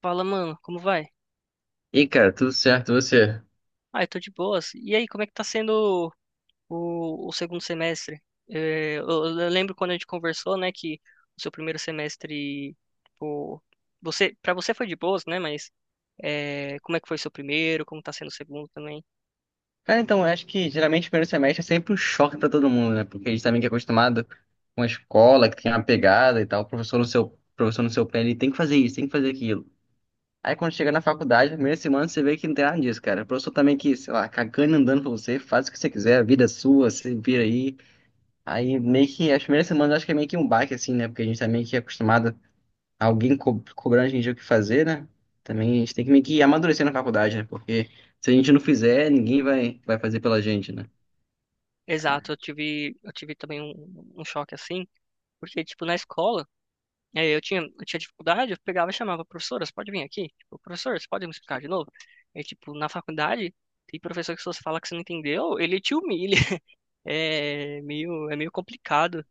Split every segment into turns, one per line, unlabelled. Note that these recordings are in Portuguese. Fala, mano, como vai?
E cara, tudo certo, e você?
Ah, eu tô de boas. E aí, como é que tá sendo o segundo semestre? Eu lembro quando a gente conversou, né, que o seu primeiro semestre, tipo, para você foi de boas, né, mas é, como é que foi seu primeiro? Como tá sendo o segundo também?
Cara, então, eu acho que geralmente o primeiro semestre é sempre um choque pra todo mundo, né? Porque a gente também que é acostumado com a escola, que tem uma pegada e tal, o professor no seu pé, ele tem que fazer isso, tem que fazer aquilo. Aí quando chega na faculdade, na primeira semana, você vê que não tem nada disso, cara. O professor também que, sei lá, cagando e andando pra você, faz o que você quiser, a vida é sua, você vira aí. Aí meio que as primeiras semanas eu acho que é meio que um baque, assim, né? Porque a gente tá meio que acostumado alguém co cobrando a gente o que fazer, né? Também a gente tem que meio que amadurecer na faculdade, né? Porque se a gente não fizer, ninguém vai fazer pela gente, né?
Exato, eu tive também um choque assim, porque, tipo, na escola, eu tinha dificuldade, eu pegava e chamava, professora, você pode vir aqui? Tipo, professor, você pode me explicar de novo? É tipo, na faculdade, tem professor que se você fala que você não entendeu, ele te humilha. É meio complicado.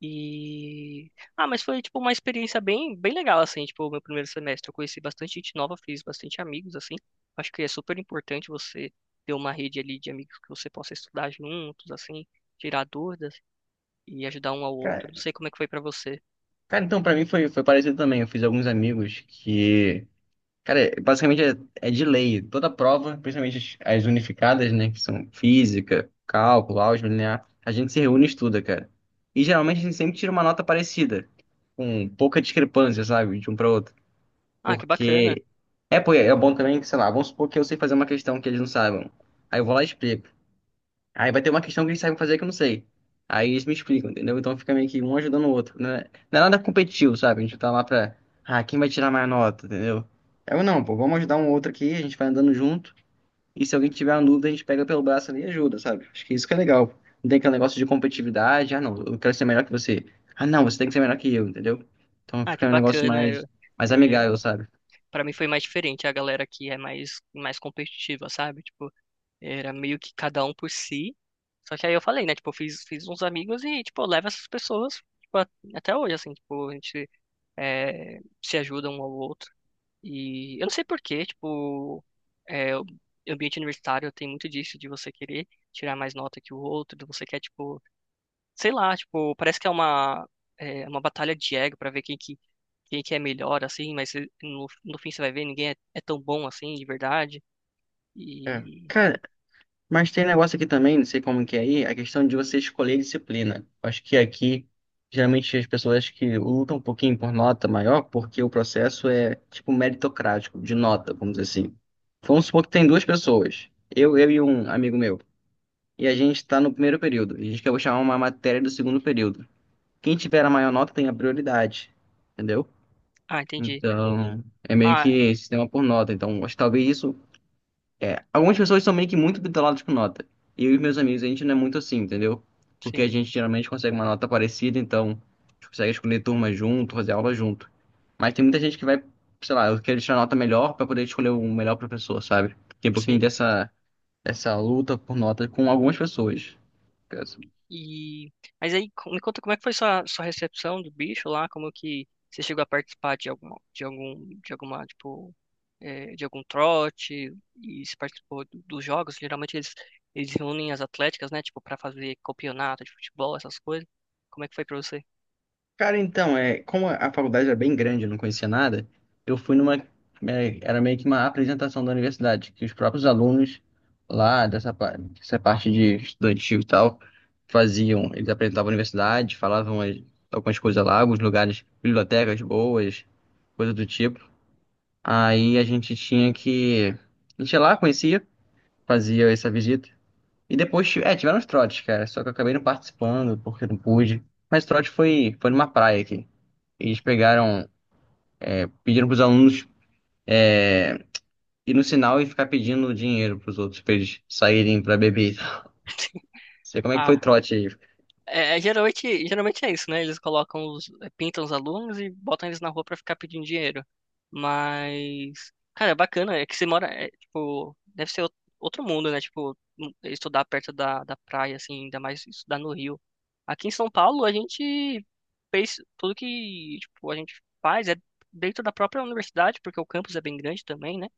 E... Ah, mas foi, tipo, uma experiência bem legal, assim, tipo, o meu primeiro semestre. Eu conheci bastante gente nova, fiz bastante amigos, assim. Acho que é super importante você ter uma rede ali de amigos que você possa estudar juntos, assim, tirar dúvidas e ajudar um ao outro.
Cara,
Não sei como é que foi pra você.
cara, então, pra mim foi parecido também. Eu fiz alguns amigos que, cara, basicamente é de lei. Toda prova, principalmente as unificadas, né? Que são física, cálculo, álgebra linear, a gente se reúne e estuda, cara. E geralmente a gente sempre tira uma nota parecida, com pouca discrepância, sabe? De um para outro.
Ah, que bacana.
Porque pô, é bom também que, sei lá, vamos supor que eu sei fazer uma questão que eles não saibam. Aí eu vou lá e explico. Aí vai ter uma questão que eles sabem fazer que eu não sei. Aí eles me explicam, entendeu? Então fica meio que um ajudando o outro. Né? Não é nada competitivo, sabe? A gente tá lá pra. Ah, quem vai tirar mais nota, entendeu? Eu não, pô, vamos ajudar um outro aqui, a gente vai andando junto. E se alguém tiver uma dúvida, a gente pega pelo braço ali e ajuda, sabe? Acho que isso que é legal. Não tem aquele negócio de competitividade. Ah, não, eu quero ser melhor que você. Ah, não, você tem que ser melhor que eu, entendeu? Então
Ah, que
fica um negócio
bacana. Eu,
mais
é,
amigável, sabe?
para mim foi mais diferente. A galera aqui é mais competitiva, sabe? Tipo, era meio que cada um por si. Só que aí eu falei, né? Tipo, fiz uns amigos e, tipo, eu levo essas pessoas, tipo, até hoje, assim, tipo, a gente é, se ajuda um ao outro. E eu não sei por quê, tipo, é, o ambiente universitário tem muito disso, de você querer tirar mais nota que o outro, de você quer, tipo, sei lá, tipo, parece que é, uma batalha de ego pra ver quem que é melhor, assim, mas eh, no fim você vai ver, ninguém é, é tão bom assim, de verdade.
É.
E.
Cara, mas tem negócio aqui também, não sei como que é aí, a questão de você escolher disciplina. Acho que aqui, geralmente, as pessoas que lutam um pouquinho por nota maior, porque o processo é, tipo, meritocrático, de nota, vamos dizer assim. Vamos supor que tem duas pessoas, eu e um amigo meu, e a gente está no primeiro período, e a gente quer chamar uma matéria do segundo período. Quem tiver a maior nota tem a prioridade, entendeu?
Ah, entendi.
Então, é meio
Ah,
que sistema por nota. Então, acho que talvez isso. Algumas pessoas são meio que muito bitoladas com nota. E eu e meus amigos, a gente não é muito assim, entendeu? Porque a
sim,
gente geralmente consegue uma nota parecida, então a gente consegue escolher turma junto, fazer aula junto. Mas tem muita gente que vai, sei lá, eu quero tirar nota melhor para poder escolher o melhor professor, sabe? Tem um pouquinho
sim.
dessa luta por nota com algumas pessoas.
E mas aí me conta como é que foi sua recepção do bicho lá, como que você chegou a participar de alguma tipo eh, de algum trote e se participou dos jogos, geralmente eles reúnem as atléticas, né, tipo para fazer campeonato de futebol, essas coisas. Como é que foi pra você?
Cara, então, é, como a faculdade era bem grande, eu não conhecia nada, eu fui numa. É, era meio que uma apresentação da universidade, que os próprios alunos lá, dessa parte de estudantil e tal, faziam. Eles apresentavam a universidade, algumas coisas lá, alguns lugares, bibliotecas boas, coisa do tipo. Aí a gente tinha que. A gente ia lá, conhecia, fazia essa visita. E depois, é, tiveram os trotes, cara, só que eu acabei não participando, porque não pude. Mas trote foi numa praia aqui. Eles pegaram, pediram pros alunos é, ir no sinal e ficar pedindo dinheiro pros outros pra eles saírem pra beber. Não sei como é que foi o trote aí.
Geralmente é isso, né? Eles colocam os, é, pintam os alunos e botam eles na rua pra ficar pedindo dinheiro. Mas, cara, é bacana, é que você mora, é, tipo, deve ser outro mundo, né? Tipo, estudar perto da praia, assim, ainda mais estudar no Rio. Aqui em São Paulo, a gente fez tudo que, tipo, a gente faz é dentro da própria universidade, porque o campus é bem grande também, né?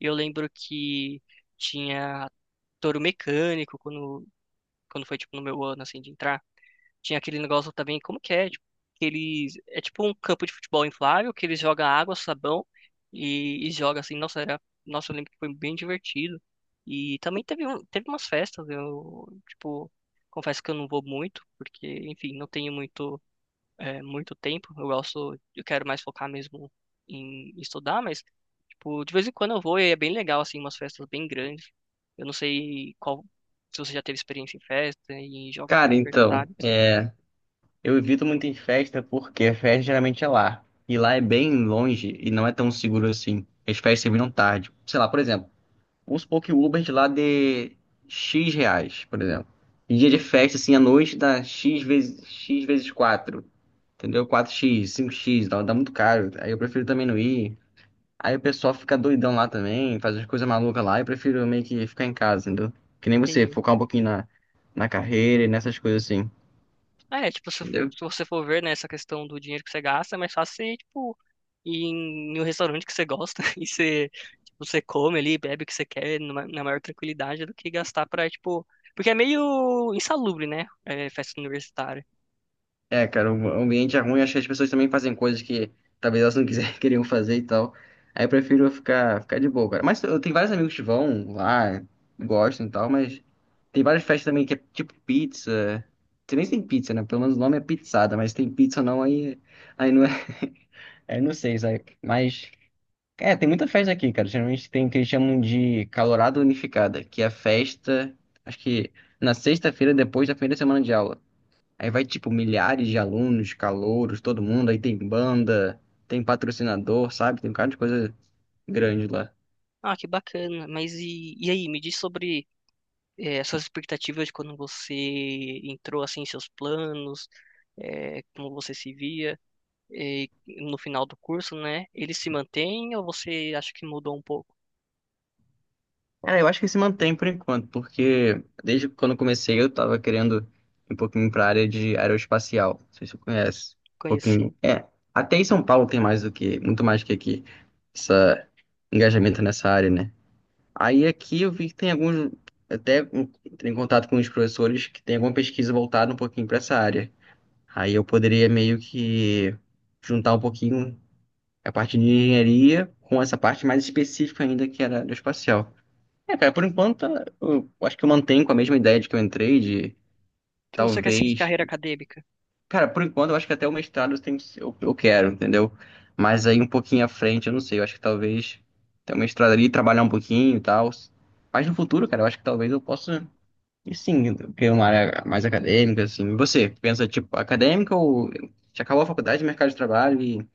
E eu lembro que tinha touro mecânico quando foi, tipo, no meu ano, assim, de entrar. Tinha aquele negócio também, como que é? Tipo, que eles, é tipo um campo de futebol inflável que eles jogam água, sabão e, joga assim. Nossa, era, nossa, eu lembro que foi bem divertido. E também teve, um, teve umas festas, eu, tipo, confesso que eu não vou muito, porque, enfim, não tenho muito, é, muito tempo. Eu quero mais focar mesmo em estudar, mas, tipo, de vez em quando eu vou e é bem legal, assim, umas festas bem grandes. Eu não sei qual, se você já teve experiência em festa, em jogos
Cara, então,
universitários.
é, eu evito muito em festa porque a festa geralmente é lá. E lá é bem longe e não é tão seguro assim. As festas terminam tarde. Sei lá, por exemplo, vamos supor que o Uber de lá dê X reais, por exemplo. E dia de festa, assim, à noite dá X vezes 4, entendeu? Quatro x cinco x dá muito caro. Aí eu prefiro também não ir. Aí o pessoal fica doidão lá também, faz as coisas malucas lá. Eu prefiro meio que ficar em casa, entendeu? Que nem você,
Entendi.
focar um pouquinho na carreira e nessas coisas assim,
É, tipo,
entendeu?
se você for ver, né, essa questão do dinheiro que você gasta, é mais fácil você, tipo, ir em, em um restaurante que você gosta e você, tipo, você come ali, bebe o que você quer na maior tranquilidade do que gastar pra, tipo... Porque é meio insalubre, né, é, festa universitária.
É, cara, o ambiente é ruim, acho que as pessoas também fazem coisas que talvez elas não quiserem, queriam fazer e tal. Aí eu prefiro ficar de boa, cara. Mas eu tenho vários amigos que vão lá, gostam e tal, mas tem várias festas também que é tipo pizza. Você nem tem pizza, né? Pelo menos o nome é pizzada, mas tem pizza ou não, aí não é. Aí não sei, sabe? Mas. É, tem muita festa aqui, cara. Geralmente tem o que eles chamam de calorada unificada, que é a festa, acho que na sexta-feira depois da primeira semana de aula. Aí vai, tipo, milhares de alunos, calouros, todo mundo. Aí tem banda, tem patrocinador, sabe? Tem um cara de coisa grande lá.
Ah, que bacana, mas e aí, me diz sobre é, as suas expectativas de quando você entrou, assim, em seus planos, é, como você se via é, no final do curso, né? Ele se mantém ou você acha que mudou um pouco?
Cara, eu acho que se mantém por enquanto, porque desde quando eu comecei eu tava querendo ir um pouquinho pra área de aeroespacial. Não sei se você conhece. Um
Conheci.
pouquinho. É, até em São Paulo tem muito mais do que aqui, esse engajamento nessa área, né? Aí aqui eu vi que tem alguns, até entrei em contato com os professores que tem alguma pesquisa voltada um pouquinho para essa área. Aí eu poderia meio que juntar um pouquinho a parte de engenharia com essa parte mais específica ainda que era aeroespacial. É, cara, por enquanto eu acho que eu mantenho com a mesma ideia de que eu entrei, de
Então você quer seguir
talvez.
carreira acadêmica?
Cara, por enquanto eu acho que até o mestrado eu quero, entendeu? Mas aí um pouquinho à frente, eu não sei, eu acho que talvez ter o mestrado ali, trabalhar um pouquinho e tal. Mas no futuro, cara, eu acho que talvez eu possa, e sim, ter uma área mais acadêmica, assim. E você, pensa, tipo, acadêmica ou já acabou a faculdade, mercado de trabalho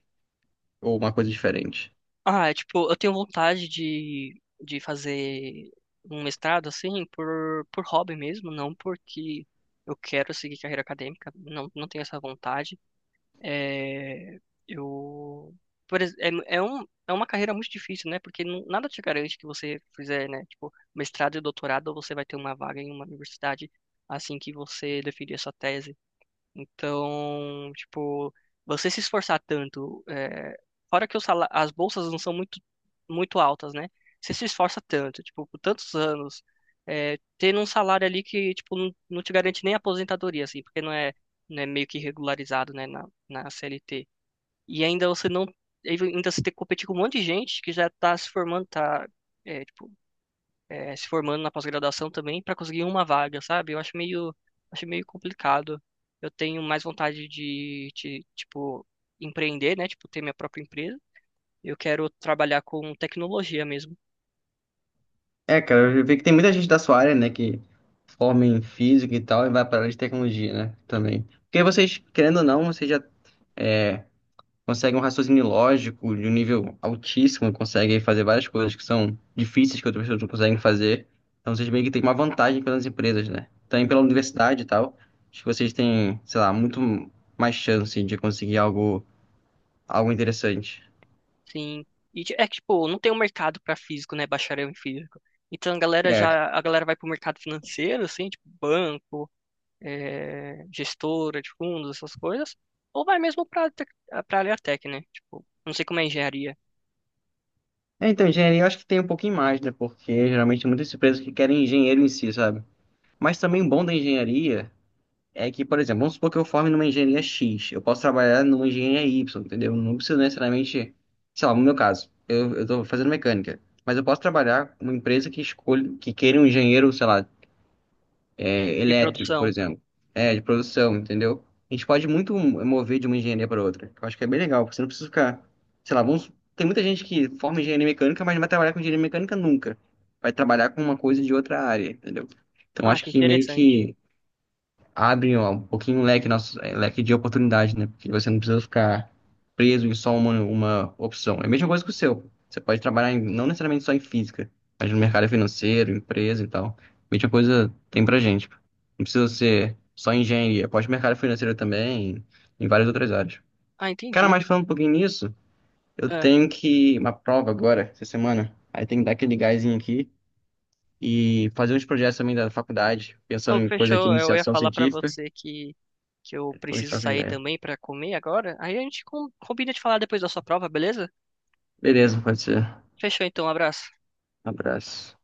ou uma coisa diferente?
Ah, é tipo, eu tenho vontade de fazer um mestrado, assim, por hobby mesmo, não porque eu quero seguir carreira acadêmica, não, não tenho essa vontade. É, eu, por, ex- é, é, um, é uma carreira muito difícil, né? Porque nada te garante que você fizer, né? Tipo, mestrado e doutorado, você vai ter uma vaga em uma universidade assim que você definir a sua tese. Então, tipo, você se esforçar tanto, é, fora que o as bolsas não são muito, muito altas, né? Você se esforça tanto, tipo, por tantos anos, é, tendo um salário ali que, tipo, não, não te garante nem aposentadoria, assim, porque não é, não é meio que regularizado, né, na CLT. E ainda você não, ainda você tem que competir com um monte de gente que já tá se formando, tá, é, tipo, eh, se formando na pós-graduação também para conseguir uma vaga, sabe? Acho meio complicado. Eu tenho mais vontade tipo, empreender, né? Tipo, ter minha própria empresa. Eu quero trabalhar com tecnologia mesmo,
É, cara, eu vi que tem muita gente da sua área, né, que forma em física e tal e vai para a área de tecnologia, né, também. Porque vocês, querendo ou não, vocês já consegue um raciocínio lógico de um nível altíssimo, consegue fazer várias coisas que são difíceis que outras pessoas não conseguem fazer. Então vocês meio que têm uma vantagem pelas empresas, né? Também pela universidade e tal. Acho que vocês têm, sei lá, muito mais chance de conseguir algo, algo interessante.
sim. E é que, tipo, não tem um mercado para físico, né? Bacharel em físico. Então
É.
a galera vai pro mercado financeiro, assim, tipo, banco, eh, gestora de fundos, essas coisas. Ou vai mesmo pra área tech, né? Tipo, não sei como é engenharia
É, então, engenharia eu acho que tem um pouquinho mais, né? Porque geralmente tem muitas empresas que querem engenheiro em si, sabe? Mas também o bom da engenharia. É que, por exemplo, vamos supor que eu forme numa engenharia X, eu posso trabalhar numa engenharia Y, entendeu? Não preciso necessariamente, sei lá, no meu caso, eu tô fazendo mecânica, mas eu posso trabalhar com uma empresa que escolhe que queira um engenheiro, sei lá, é,
de
elétrico, por
produção.
exemplo, é, de produção, entendeu? A gente pode muito mover de uma engenharia para outra, que eu acho que é bem legal, porque você não precisa ficar, sei lá, vamos, tem muita gente que forma engenharia mecânica, mas não vai trabalhar com engenharia mecânica nunca, vai trabalhar com uma coisa de outra área, entendeu? Então
Ah,
acho
que
que meio
interessante.
que abre ó, um pouquinho o leque, nosso, leque de oportunidade, né? Porque você não precisa ficar preso em só uma opção. É a mesma coisa que o seu. Você pode trabalhar não necessariamente só em física, mas no mercado financeiro, empresa e tal. Mesma coisa tem pra gente. Não precisa ser só engenharia, pode mercado financeiro também, em várias outras áreas.
Ah,
Cara,
entendi.
mas falando um pouquinho nisso, eu
É.
tenho que uma prova agora, essa semana. Aí tem que dar aquele gásinho aqui e fazer uns projetos também da faculdade, pensando
Oh,
em coisa de
fechou. Eu ia
iniciação
falar pra
científica.
você que eu
Depois
preciso
troca
sair
ideia.
também pra comer agora. Aí a gente combina de falar depois da sua prova, beleza?
Beleza, pode ser.
Fechou então, um abraço.
Abraço.